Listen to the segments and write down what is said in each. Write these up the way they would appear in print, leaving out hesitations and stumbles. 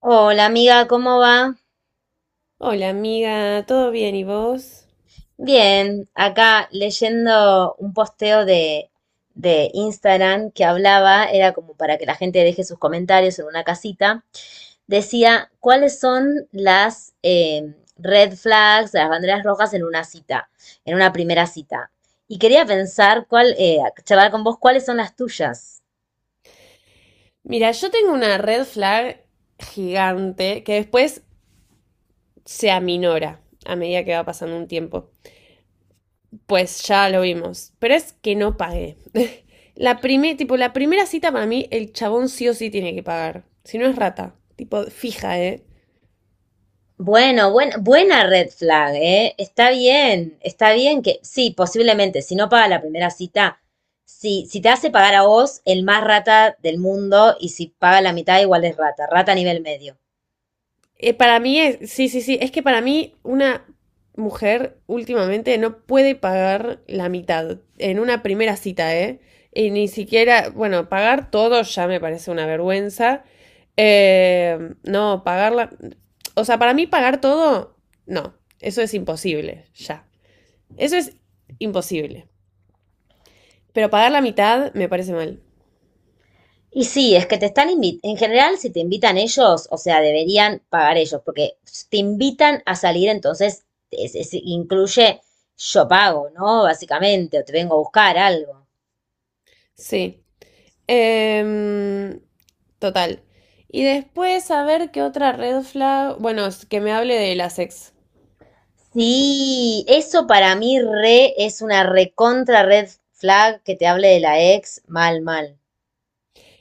Hola amiga, ¿cómo va? Hola amiga, ¿todo bien y vos? Bien, acá leyendo un posteo de Instagram que hablaba, era como para que la gente deje sus comentarios en una casita, decía, ¿cuáles son las red flags, las banderas rojas en una cita, en una primera cita? Y quería pensar cuál, charlar con vos, ¿cuáles son las tuyas? Mira, yo tengo una red flag gigante que después se aminora a medida que va pasando un tiempo. Pues ya lo vimos, pero es que no pagué. La primer, tipo, la primera cita para mí, el chabón sí o sí tiene que pagar. Si no es rata, tipo, fija, ¿eh? Bueno, buena red flag, ¿eh? Está bien que, sí, posiblemente, si no paga la primera cita, si te hace pagar a vos, el más rata del mundo, y si paga la mitad, igual es rata, rata a nivel medio. Para mí es, sí, sí, sí, es que para mí una mujer últimamente no puede pagar la mitad en una primera cita, ¿eh? Y ni siquiera, bueno, pagar todo ya me parece una vergüenza. Eh, no, pagarla, o sea, para mí pagar todo, no, eso es imposible, ya. Eso es imposible. Pero pagar la mitad me parece mal. Y sí, es que te están invitando, en general, si te invitan ellos, o sea, deberían pagar ellos, porque te invitan a salir, entonces, incluye yo pago, ¿no? Básicamente, o te vengo a buscar algo. Sí. Em, Total. Y después, a ver qué otra red flag. Bueno, es que me hable de las ex. Sí, eso para mí re es una recontra red flag que te hable de la ex mal, mal.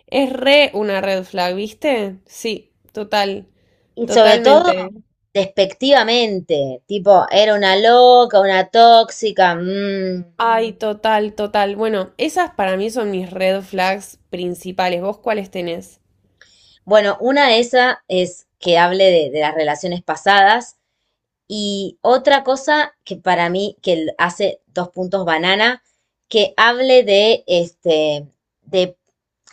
Es re una red flag, ¿viste? Sí, total, Y sobre todo, totalmente. despectivamente, tipo, era una loca, una tóxica. Mm. Ay, total, total. Bueno, esas para mí son mis red flags principales. ¿Vos cuáles tenés? Bueno, una de esas es que hable de las relaciones pasadas. Y otra cosa que para mí, que hace dos puntos banana, que hable de,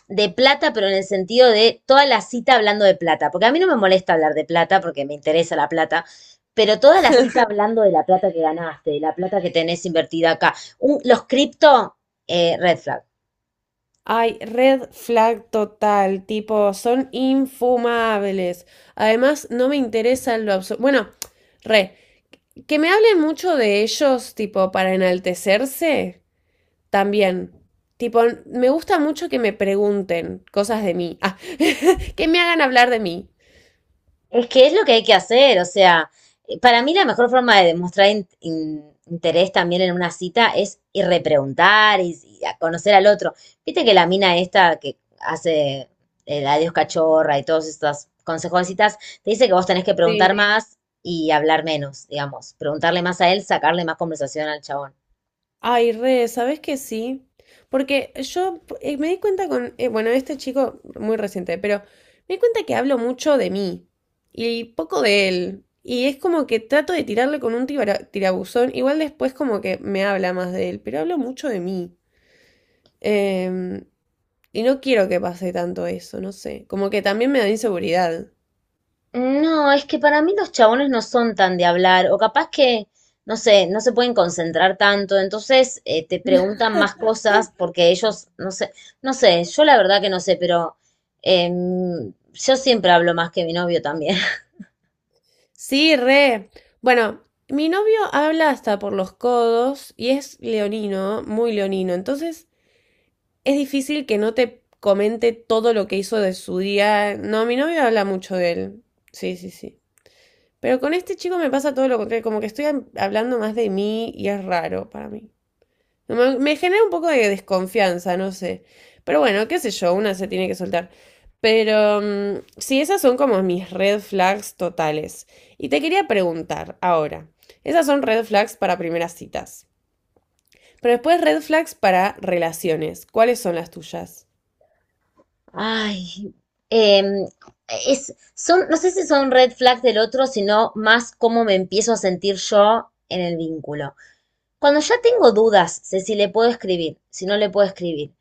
de plata, pero en el sentido de toda la cita hablando de plata. Porque a mí no me molesta hablar de plata, porque me interesa la plata, pero toda la cita hablando de la plata que ganaste, de la plata que tenés invertida acá. Los cripto, red flag. Ay, red flag total, tipo, son infumables. Además, no me interesa en lo absoluto. Bueno, re, que me hablen mucho de ellos, tipo, para enaltecerse, también. Tipo, me gusta mucho que me pregunten cosas de mí. Ah, que me hagan hablar de mí. Es que es lo que hay que hacer, o sea, para mí la mejor forma de demostrar interés también en una cita es ir repreguntar y a conocer al otro. Viste que la mina esta que hace el adiós cachorra y todos estos consejos de citas, te dice que vos tenés que preguntar sí Sí. más y hablar menos, digamos, preguntarle más a él, sacarle más conversación al chabón. Ay, re, ¿sabes que sí? Porque yo me di cuenta con, bueno, este chico muy reciente, pero me di cuenta que hablo mucho de mí y poco de él. Y es como que trato de tirarle con un tirabuzón. Igual después como que me habla más de él, pero hablo mucho de mí. Em, Y no quiero que pase tanto eso, no sé. Como que también me da inseguridad. No, es que para mí los chabones no son tan de hablar, o capaz que, no sé, no se pueden concentrar tanto, entonces te preguntan más cosas porque ellos, no sé, no sé, yo la verdad que no sé, pero yo siempre hablo más que mi novio también. Sí, re. Bueno, mi novio habla hasta por los codos y es leonino, muy leonino. Entonces es difícil que no te comente todo lo que hizo de su día. No, mi novio habla mucho de él. Sí, sí, sí. Pero con este chico me pasa todo lo contrario. Como que estoy hablando más de mí y es raro para mí. No, me genera un poco de desconfianza, no sé. Pero bueno, qué sé yo, una se tiene que soltar. Pero mm, sí, esas son como mis red flags totales. Y te quería preguntar ahora, esas son red flags para primeras citas. Pero después red flags para relaciones. ¿Cuáles son las tuyas? Ay, em, son, no sé si son red flags del otro, sino más cómo me empiezo a sentir yo en el vínculo. Cuando ya tengo dudas de si le puedo escribir, si no le puedo escribir,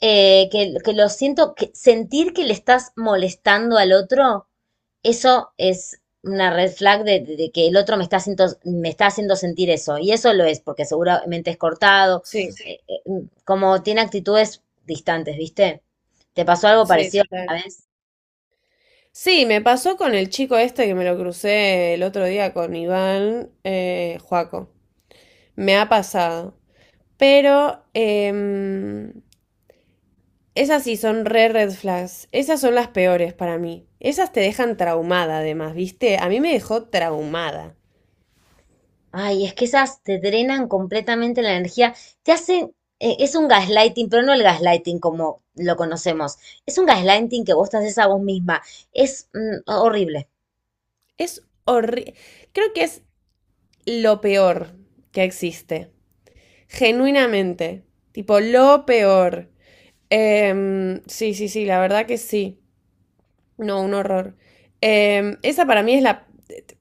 que lo siento, que sentir que le estás molestando al otro, eso es una red flag de que el otro me está haciendo sentir eso. Y eso lo es, porque seguramente es cortado, Sí, eh, eh, como tiene actitudes distantes, ¿viste? ¿Te pasó algo sí, parecido total. a vez? Sí, me pasó con el chico este que me lo crucé el otro día con Iván Juaco. Me ha pasado. Pero esas sí son re red flags. Esas son las peores para mí. Esas te dejan traumada, además, ¿viste? A mí me dejó traumada. Ay, es que esas te drenan completamente la energía, te hacen, es un gaslighting, pero no el gaslighting como lo conocemos, es un gaslighting que vos te haces a vos misma, es mm, horrible. Es horrible. Creo que es lo peor que existe. Genuinamente. Tipo, lo peor. Sí, sí, sí, la verdad que sí. No, un horror. Esa para mí es la,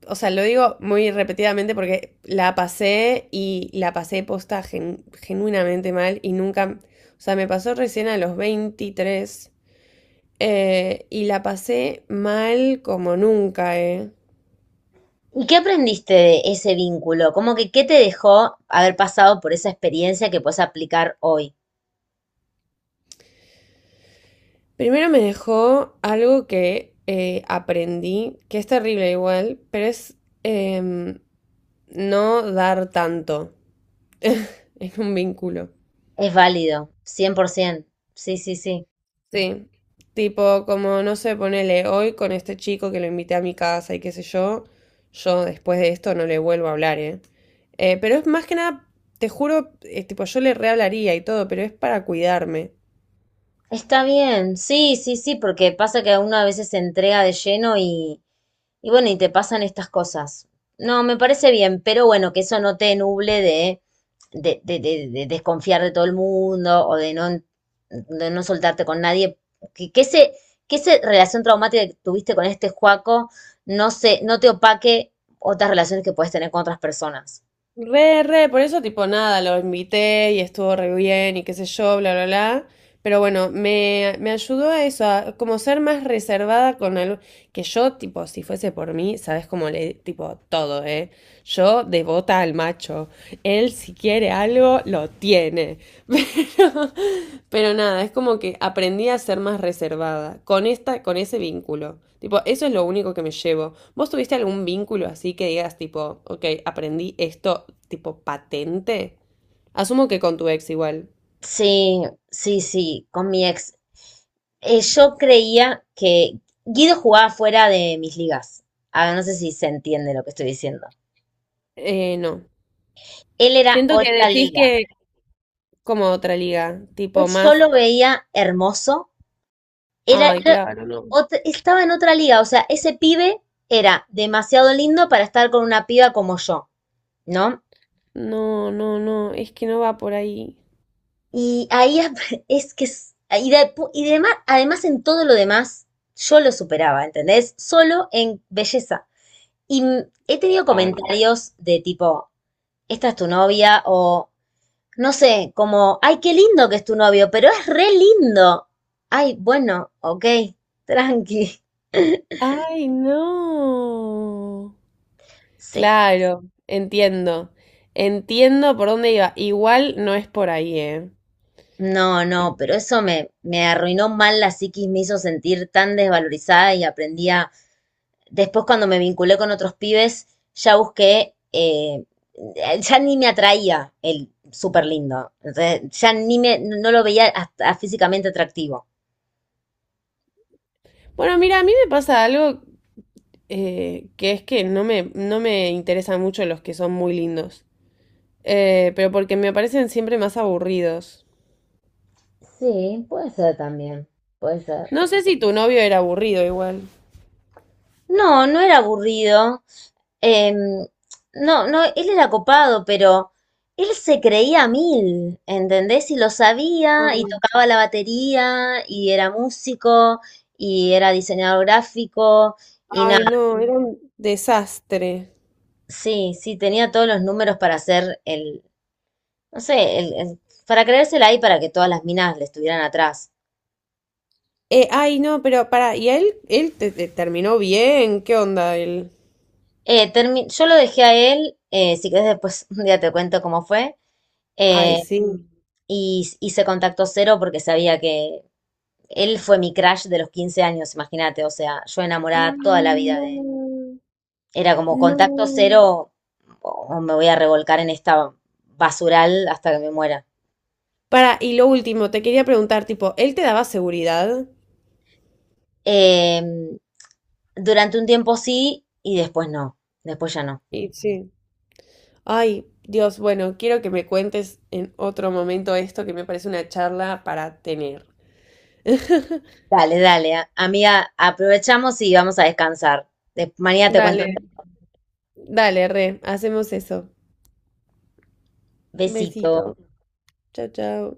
o sea, lo digo muy repetidamente porque la pasé y la pasé posta genuinamente mal y nunca, o sea, me pasó recién a los 23 y la pasé mal como nunca, eh. ¿Y qué aprendiste de ese vínculo? Como que ¿qué te dejó haber pasado por esa experiencia que puedes aplicar hoy? Primero me dejó algo que aprendí, que es terrible igual, pero es em, no dar tanto en un vínculo. Es válido, 100%, sí, sí, sí. Sí, tipo, como no sé, ponele hoy con este chico que lo invité a mi casa y qué sé yo, yo después de esto no le vuelvo a hablar, ¿eh? Pero es más que nada, te juro, tipo, yo le rehablaría y todo, pero es para cuidarme. Está bien, sí, sí, sí, porque pasa que uno a veces se entrega de lleno y bueno, y te pasan estas cosas. No, me parece bien, pero bueno, que eso no te nuble de desconfiar de todo el mundo o de no soltarte con nadie. Que, que ese, que esa relación traumática que tuviste con este Juaco no te opaque otras relaciones que puedes tener con otras personas. Re, re, por eso tipo nada, lo invité y estuvo re bien y qué sé yo, bla, bla, bla. Pero bueno, me ayudó a eso, a como ser más reservada con algo que yo, tipo, si fuese por mí, sabes cómo le, tipo, todo, ¿eh? Yo devota al macho. Él si quiere algo, lo tiene. Pero, pero nada, es como que aprendí a ser más reservada con, esta, con ese vínculo. Tipo, eso es lo único que me llevo. ¿Vos tuviste algún vínculo así que digas, tipo, ok, aprendí esto, tipo, patente? Asumo que con tu ex igual. Sí, sí, sí, con mi ex. Yo creía que Guido jugaba fuera de mis ligas. Ah, no sé si se entiende lo que estoy diciendo. No. Él era Siento que otra decís liga. que como otra liga, Él- tipo yo más... lo veía hermoso. Ay, Era claro. Estaba en otra liga. O sea, ese pibe era demasiado lindo para estar con una piba como yo, ¿no? No, no, no, es que no va por ahí. Y ahí es que y demás, además en todo lo demás, yo lo superaba, ¿entendés? Solo en belleza. Y mm, he tenido Ay, comentarios de tipo, esta es tu novia, o no sé, como, ay, qué lindo que es tu novio, pero es re lindo. Ay, bueno, ok, tranqui. ay, no. Sí, Claro, entiendo. Entiendo por dónde iba. Igual no es por ahí, ¿eh? no, no, pero eso me, me arruinó mal la psiquis, me hizo sentir tan desvalorizada y aprendí a... Después cuando me vinculé con otros pibes, ya busqué, ya ni me atraía el súper lindo. Entonces, ya ni me, no lo veía hasta físicamente atractivo. Bueno, mira, a mí me pasa algo que es que no me interesan mucho los que son muy lindos. Pero porque me parecen siempre más aburridos. Sí, puede ser también, puede ser. No sé si tu novio era aburrido igual. No, no era aburrido. Em, no, no, él era copado, pero él se creía a mil, ¿entendés? Y lo sabía, y Ay, tocaba la batería, y era músico, y era diseñador gráfico, y nada, ay, no, era un desastre. sí, sí, tenía todos los números para hacer el, no sé, para creérsela ahí para que todas las minas le estuvieran atrás. Ay, no, pero para, ¿y a él, te terminó bien? ¿Qué onda él? Yo lo dejé a él, si querés después un día te cuento cómo fue. Ay, Eh, sí. Y hice contacto cero porque sabía que él fue mi crush de los 15 años, imagínate, o sea, yo enamorada Ay, toda la vida de él. no, Era como contacto no. cero o me voy a revolcar en esta basural hasta que me muera. Para, y lo último, te quería preguntar, tipo, ¿él te daba seguridad? Eh, durante un tiempo sí y después no, después ya no. Y sí. Ay, Dios, bueno, quiero que me cuentes en otro momento esto que me parece una charla para tener. Dale, dale, amiga, aprovechamos y vamos a descansar. Mañana te cuento. Dale, dale, re, hacemos eso. Besito. Besito. Chao, chao.